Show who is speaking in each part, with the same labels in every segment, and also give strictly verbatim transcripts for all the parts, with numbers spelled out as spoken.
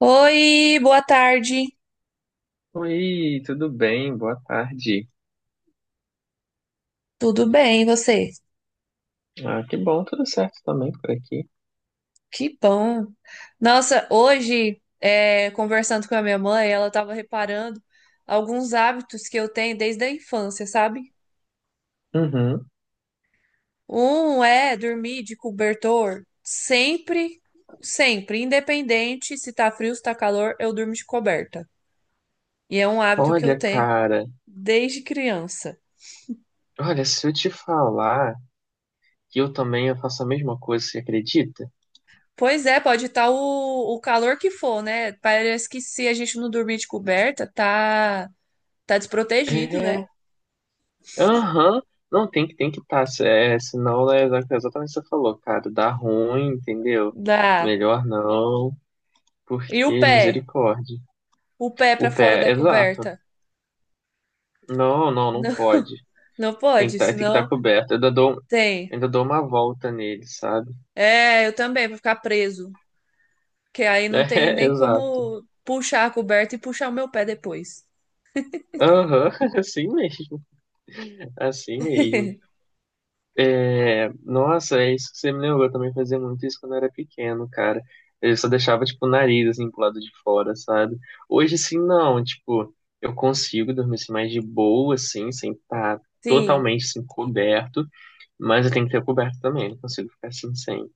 Speaker 1: Oi, boa tarde.
Speaker 2: Oi, tudo bem? Boa tarde.
Speaker 1: Tudo bem, e você?
Speaker 2: Ah, que bom, tudo certo também por aqui.
Speaker 1: Que bom. Nossa, hoje, é, conversando com a minha mãe, ela estava reparando alguns hábitos que eu tenho desde a infância, sabe?
Speaker 2: Uhum.
Speaker 1: Um é dormir de cobertor sempre, sempre, independente se tá frio, se tá calor, eu durmo de coberta. E é um hábito que eu
Speaker 2: Olha,
Speaker 1: tenho
Speaker 2: cara,
Speaker 1: desde criança.
Speaker 2: olha, se eu te falar que eu também eu faço a mesma coisa, você acredita?
Speaker 1: Pois é, pode estar o, o calor que for, né? Parece que se a gente não dormir de coberta, tá. Tá desprotegido, né?
Speaker 2: É, aham. Não, tem que tem que estar, é, senão é exatamente o que você falou, cara, dá ruim, entendeu?
Speaker 1: Dá.
Speaker 2: Melhor não,
Speaker 1: E o
Speaker 2: porque
Speaker 1: pé?
Speaker 2: misericórdia.
Speaker 1: O pé pra
Speaker 2: O pé,
Speaker 1: fora da
Speaker 2: exato.
Speaker 1: coberta?
Speaker 2: Não, não, não
Speaker 1: Não,
Speaker 2: pode.
Speaker 1: não
Speaker 2: Tem que
Speaker 1: pode,
Speaker 2: estar, tem que estar
Speaker 1: senão
Speaker 2: coberto. Eu ainda dou,
Speaker 1: tem.
Speaker 2: ainda dou uma volta nele, sabe?
Speaker 1: É, eu também, vou ficar preso. Que aí não tem
Speaker 2: É,
Speaker 1: nem
Speaker 2: exato.
Speaker 1: como puxar a coberta e puxar o meu pé depois.
Speaker 2: Aham, assim mesmo, assim mesmo. É, nossa, é isso que você me lembrou, eu também fazia muito isso quando eu era pequeno, cara. Eu só deixava, tipo, o nariz, assim, pro lado de fora, sabe? Hoje, assim não, tipo, eu consigo dormir, assim, mais de boa, assim, sem estar
Speaker 1: Sim.
Speaker 2: totalmente, assim, coberto, mas eu tenho que ter coberto também, não consigo ficar assim, sem.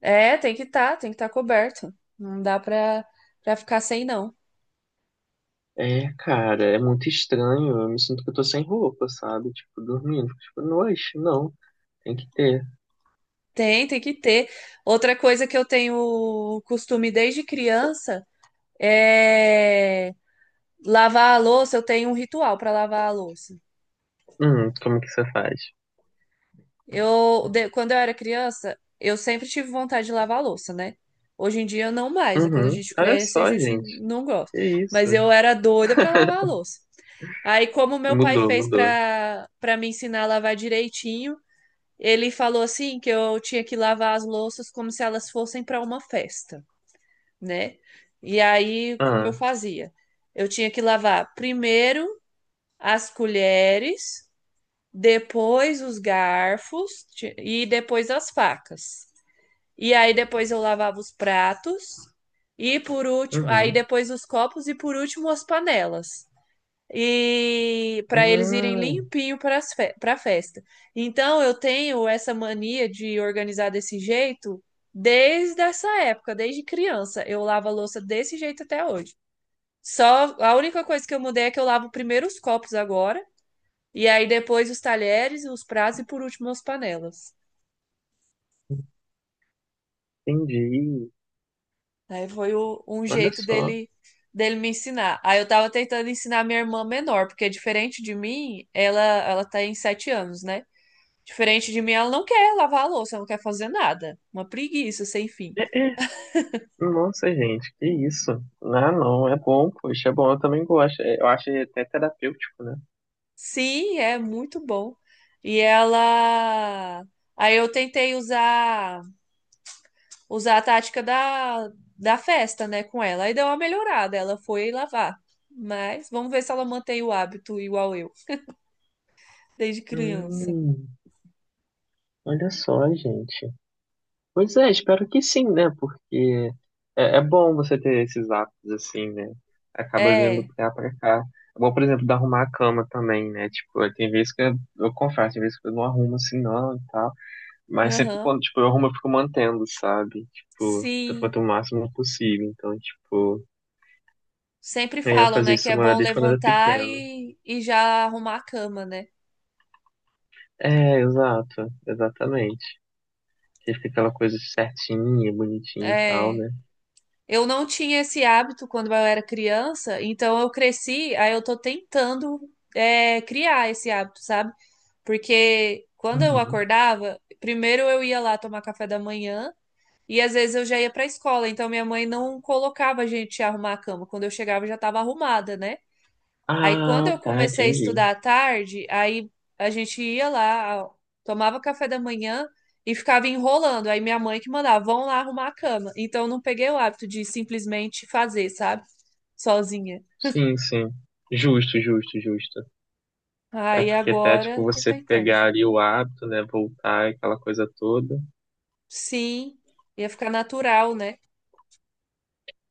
Speaker 1: É, tem que estar, tem que estar coberto. Não dá pra, pra ficar sem, não.
Speaker 2: É, cara, é muito estranho, eu me sinto que eu tô sem roupa, sabe? Tipo, dormindo, fico, tipo, noite, não, tem que ter.
Speaker 1: Tem, tem que ter. Outra coisa que eu tenho costume desde criança é lavar a louça. Eu tenho um ritual pra lavar a louça.
Speaker 2: Hum, como que você faz?
Speaker 1: Eu, de- quando eu era criança, eu sempre tive vontade de lavar a louça, né? Hoje em dia, não mais, né? Quando a
Speaker 2: Uhum.
Speaker 1: gente
Speaker 2: Olha
Speaker 1: cresce, a
Speaker 2: só,
Speaker 1: gente
Speaker 2: gente.
Speaker 1: não gosta.
Speaker 2: Que isso?
Speaker 1: Mas eu era doida pra lavar a louça. Aí, como meu pai
Speaker 2: Mudou,
Speaker 1: fez
Speaker 2: mudou.
Speaker 1: pra para me ensinar a lavar direitinho, ele falou assim que eu tinha que lavar as louças como se elas fossem pra uma festa, né? E aí, como eu
Speaker 2: Ah,
Speaker 1: fazia? Eu tinha que lavar primeiro as colheres, depois os garfos ti- e depois as facas. E aí depois eu lavava os pratos e por último, aí
Speaker 2: uhum.
Speaker 1: depois os copos e por último as panelas. E para eles irem
Speaker 2: Ah,
Speaker 1: limpinho para para festa. Então eu tenho essa mania de organizar desse jeito desde essa época, desde criança. Eu lavo a louça desse jeito até hoje. Só a única coisa que eu mudei é que eu lavo primeiro os copos agora e aí depois os talheres, os pratos e por último as panelas.
Speaker 2: entendi.
Speaker 1: Aí foi o- um
Speaker 2: Olha
Speaker 1: jeito
Speaker 2: só.
Speaker 1: dele dele me ensinar. Aí eu tava tentando ensinar minha irmã menor, porque diferente de mim, ela ela tá em sete anos, né? Diferente de mim, ela não quer lavar a louça, ela não quer fazer nada. Uma preguiça sem fim.
Speaker 2: É, é. Nossa, gente, que isso? Ah, não, é bom, poxa, é bom, eu também gosto. É, eu acho até terapêutico, né?
Speaker 1: Sim, é muito bom. E ela. Aí eu tentei usar usar a tática da, da festa, né, com ela. Aí deu uma melhorada, ela foi lavar. Mas vamos ver se ela mantém o hábito igual eu, desde criança.
Speaker 2: Hum, olha só, gente. Pois é, espero que sim, né? Porque é, é bom você ter esses hábitos assim, né? Acaba vindo
Speaker 1: É,
Speaker 2: pra cá, pra cá. É bom, por exemplo, de arrumar a cama também, né? Tipo, tem vezes que eu, eu confesso, tem vezes que eu não arrumo assim não e tal. Mas sempre
Speaker 1: aham,
Speaker 2: quando, tipo, eu arrumo, eu fico mantendo, sabe? Tipo, eu
Speaker 1: sim.
Speaker 2: quanto o máximo possível. Então, tipo,
Speaker 1: Sempre
Speaker 2: aí eu
Speaker 1: falam,
Speaker 2: fazia
Speaker 1: né, que
Speaker 2: isso
Speaker 1: é bom
Speaker 2: desde quando eu era
Speaker 1: levantar
Speaker 2: pequeno.
Speaker 1: e, e já arrumar a cama, né?
Speaker 2: É, exato, exatamente. Que fica aquela coisa certinha, bonitinha e tal,
Speaker 1: É.
Speaker 2: né?
Speaker 1: Eu não tinha esse hábito quando eu era criança, então eu cresci, aí eu tô tentando, é, criar esse hábito, sabe? Porque quando eu
Speaker 2: Uhum.
Speaker 1: acordava, primeiro eu ia lá tomar café da manhã. E às vezes eu já ia para a escola, então minha mãe não colocava a gente a arrumar a cama. Quando eu chegava, eu já estava arrumada, né? Aí quando
Speaker 2: Ah,
Speaker 1: eu
Speaker 2: tá,
Speaker 1: comecei a
Speaker 2: entendi.
Speaker 1: estudar à tarde, aí a gente ia lá, tomava café da manhã e ficava enrolando. Aí minha mãe que mandava, vão lá arrumar a cama. Então eu não peguei o hábito de simplesmente fazer, sabe? Sozinha.
Speaker 2: Sim, sim. Justo, justo, justo. É
Speaker 1: Aí
Speaker 2: porque até, tipo,
Speaker 1: agora tô
Speaker 2: você
Speaker 1: tentando.
Speaker 2: pegar ali o hábito, né, voltar, aquela coisa toda.
Speaker 1: Sim, ia ficar natural, né?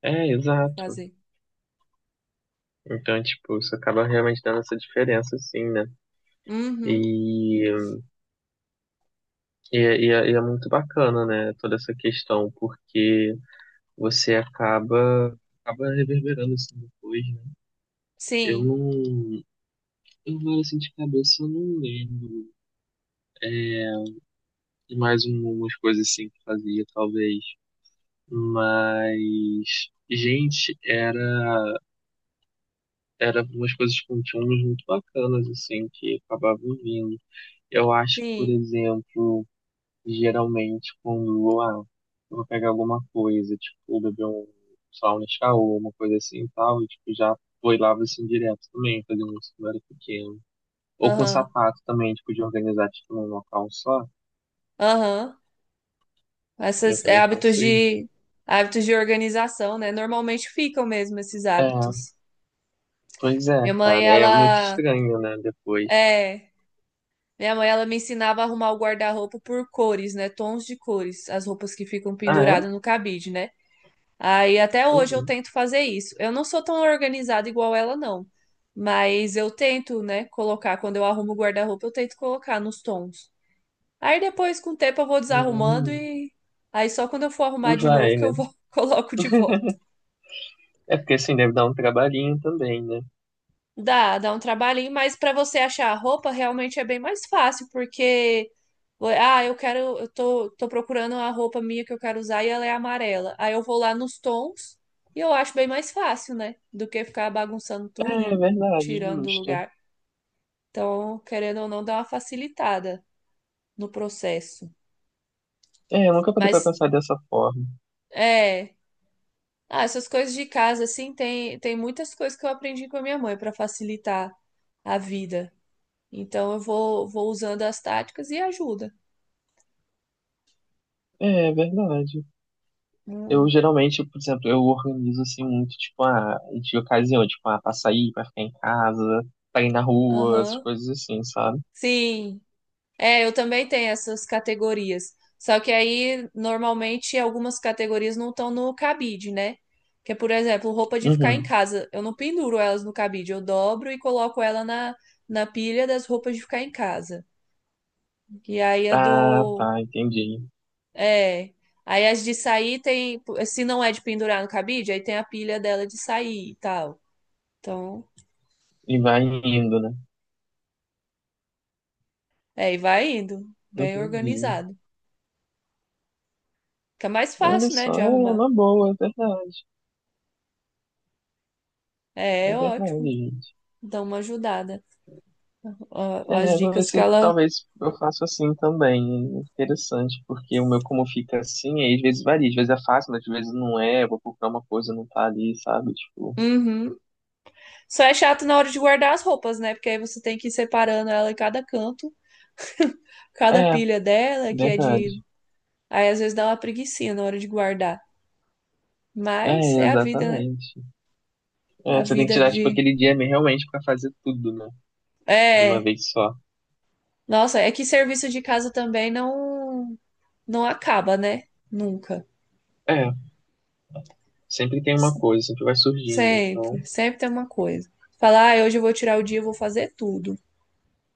Speaker 2: É,
Speaker 1: De
Speaker 2: exato.
Speaker 1: fazer.
Speaker 2: Então, tipo, isso acaba realmente dando essa diferença, assim, né?
Speaker 1: Uhum.
Speaker 2: E, e, é- e é e é muito bacana, né, toda essa questão, porque você acaba, acaba reverberando, assim, depois, né? Eu
Speaker 1: Sim,
Speaker 2: não... Eu, agora, assim, de cabeça, eu não lembro de mais um- umas coisas, assim, que fazia, talvez. Mas, gente, era, era umas coisas com temas muito bacanas, assim, que acabavam vindo. Eu acho que, por
Speaker 1: sim.
Speaker 2: exemplo, geralmente quando ah, eu vou pegar alguma coisa, tipo, beber um, sei lá, um Nescau, ou uma coisa assim e tal, e tipo, já foi lá assim direto também, fazendo isso quando eu era pequeno. Ou com
Speaker 1: Aham,
Speaker 2: sapato também, tipo, de organizar tipo, num local só.
Speaker 1: aham.
Speaker 2: Eu
Speaker 1: Essas é,
Speaker 2: também
Speaker 1: hábitos
Speaker 2: faço isso.
Speaker 1: de hábitos de organização, né? Normalmente ficam mesmo esses
Speaker 2: É,
Speaker 1: hábitos.
Speaker 2: pois é,
Speaker 1: Minha mãe,
Speaker 2: cara. É muito
Speaker 1: ela
Speaker 2: estranho, né, depois.
Speaker 1: é, minha mãe ela me ensinava a arrumar o guarda-roupa por cores, né? Tons de cores, as roupas que ficam
Speaker 2: Ah, é?
Speaker 1: penduradas no cabide, né? Aí até hoje eu
Speaker 2: Uhum.
Speaker 1: tento fazer isso. Eu não sou tão organizada igual ela, não. Mas eu tento, né, colocar quando eu arrumo o guarda-roupa, eu tento colocar nos tons. Aí depois com o tempo eu vou desarrumando
Speaker 2: Hum,
Speaker 1: e aí só quando eu for arrumar de novo
Speaker 2: vai,
Speaker 1: que
Speaker 2: né?
Speaker 1: eu vou coloco de volta.
Speaker 2: É porque assim deve dar um trabalhinho também, né?
Speaker 1: Dá, dá um trabalhinho, mas para você achar a roupa realmente é bem mais fácil, porque ah, eu quero, eu tô, tô procurando a roupa minha que eu quero usar e ela é amarela. Aí eu vou lá nos tons e eu acho bem mais fácil, né? Do que ficar bagunçando tudo
Speaker 2: É
Speaker 1: e
Speaker 2: verdade,
Speaker 1: tirando do
Speaker 2: justo.
Speaker 1: lugar. Então, querendo ou não, dá uma facilitada no processo.
Speaker 2: É, eu nunca parei pra
Speaker 1: Mas
Speaker 2: pensar dessa forma.
Speaker 1: é, ah, essas coisas de casa assim, tem tem muitas coisas que eu aprendi com a minha mãe para facilitar a vida. Então eu vou, vou usando as táticas e ajuda.
Speaker 2: É, é verdade. Eu
Speaker 1: Hum.
Speaker 2: geralmente, por exemplo, eu organizo assim muito, tipo, ah, de ocasião, tipo, ah, pra sair, pra ficar em casa, pra ir na rua, essas
Speaker 1: Aham.
Speaker 2: coisas assim, sabe?
Speaker 1: Sim. É, eu também tenho essas categorias. Só que aí, normalmente, algumas categorias não estão no cabide, né? Que é, por exemplo, roupa de ficar em
Speaker 2: Uhum.
Speaker 1: casa. Eu não penduro elas no cabide, eu dobro e coloco ela na, na pilha das roupas de ficar em casa. E aí a
Speaker 2: Ah,
Speaker 1: do.
Speaker 2: tá, entendi.
Speaker 1: É. Aí as de sair tem. Se não é de pendurar no cabide, aí tem a pilha dela de sair e tal. Então.
Speaker 2: E vai indo, né?
Speaker 1: É, e vai indo, bem
Speaker 2: Entendi.
Speaker 1: organizado. Fica mais
Speaker 2: Olha
Speaker 1: fácil, né,
Speaker 2: só,
Speaker 1: de
Speaker 2: é
Speaker 1: arrumar.
Speaker 2: uma boa, é verdade.
Speaker 1: É,
Speaker 2: É
Speaker 1: é ótimo.
Speaker 2: verdade,
Speaker 1: Dá uma ajudada. Ó, as
Speaker 2: é, vou ver
Speaker 1: dicas que
Speaker 2: se
Speaker 1: ela.
Speaker 2: talvez eu faça assim também. Interessante, porque o meu como fica assim, aí às vezes varia, às vezes é fácil, às vezes não é, eu vou procurar uma coisa, não tá ali, sabe? Tipo,
Speaker 1: Uhum. Só é chato na hora de guardar as roupas, né? Porque aí você tem que ir separando ela em cada canto, cada
Speaker 2: é,
Speaker 1: pilha dela, que é de.
Speaker 2: verdade.
Speaker 1: Aí às vezes dá uma preguicinha na hora de guardar. Mas
Speaker 2: É,
Speaker 1: é a vida, né?
Speaker 2: exatamente. É,
Speaker 1: A
Speaker 2: você tem que
Speaker 1: vida
Speaker 2: tirar, tipo,
Speaker 1: de.
Speaker 2: aquele dia mesmo realmente pra fazer tudo, né? De uma
Speaker 1: É.
Speaker 2: vez só.
Speaker 1: Nossa, é que serviço de casa também não não acaba, né? Nunca.
Speaker 2: É, sempre tem uma coisa, sempre vai surgindo, então
Speaker 1: Sempre, sempre tem uma coisa. Falar, ah, hoje eu vou tirar o dia, eu vou fazer tudo.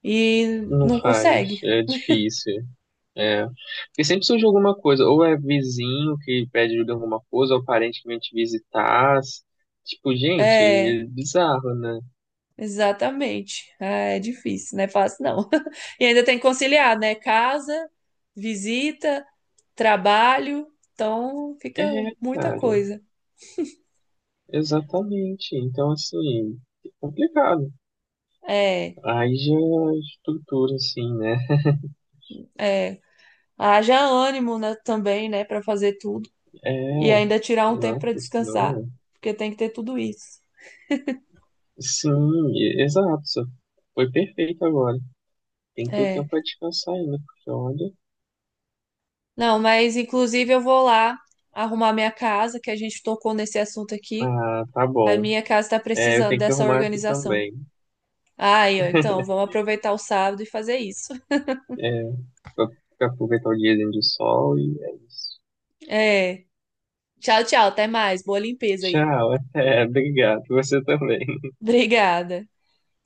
Speaker 1: E
Speaker 2: não
Speaker 1: não
Speaker 2: faz,
Speaker 1: consegue.
Speaker 2: é difícil. É, porque sempre surge alguma coisa, ou é vizinho que pede ajuda em alguma coisa, ou parente que vem te visitar. Tipo, gente,
Speaker 1: É,
Speaker 2: é bizarro, né?
Speaker 1: exatamente. É, é difícil, não é fácil, não. E ainda tem que conciliar, né? Casa, visita, trabalho. Então fica
Speaker 2: É,
Speaker 1: muita
Speaker 2: cara,
Speaker 1: coisa.
Speaker 2: exatamente. Então, assim, é complicado.
Speaker 1: É,
Speaker 2: Aí já estrutura, assim, né?
Speaker 1: é. Haja ânimo, né, também, né, para fazer tudo. E
Speaker 2: É,
Speaker 1: ainda tirar um tempo
Speaker 2: não,
Speaker 1: para
Speaker 2: porque
Speaker 1: descansar,
Speaker 2: senão.
Speaker 1: porque tem que ter tudo isso.
Speaker 2: Sim, e- exato. só- Foi perfeito agora. Tem todo tempo
Speaker 1: É.
Speaker 2: pra descansar ainda, porque olha.
Speaker 1: Não, mas inclusive eu vou lá arrumar minha casa, que a gente tocou nesse assunto aqui.
Speaker 2: Ah, tá
Speaker 1: A
Speaker 2: bom.
Speaker 1: minha casa está
Speaker 2: É, eu
Speaker 1: precisando
Speaker 2: tenho que
Speaker 1: dessa
Speaker 2: arrumar aqui
Speaker 1: organização.
Speaker 2: também.
Speaker 1: Aí, ó, então vamos aproveitar o sábado e fazer isso.
Speaker 2: É, pra, pra aproveitar o diazinho de sol e é isso.
Speaker 1: É. Tchau, tchau, até mais. Boa limpeza aí.
Speaker 2: Tchau, até, obrigado. Você também.
Speaker 1: Obrigada.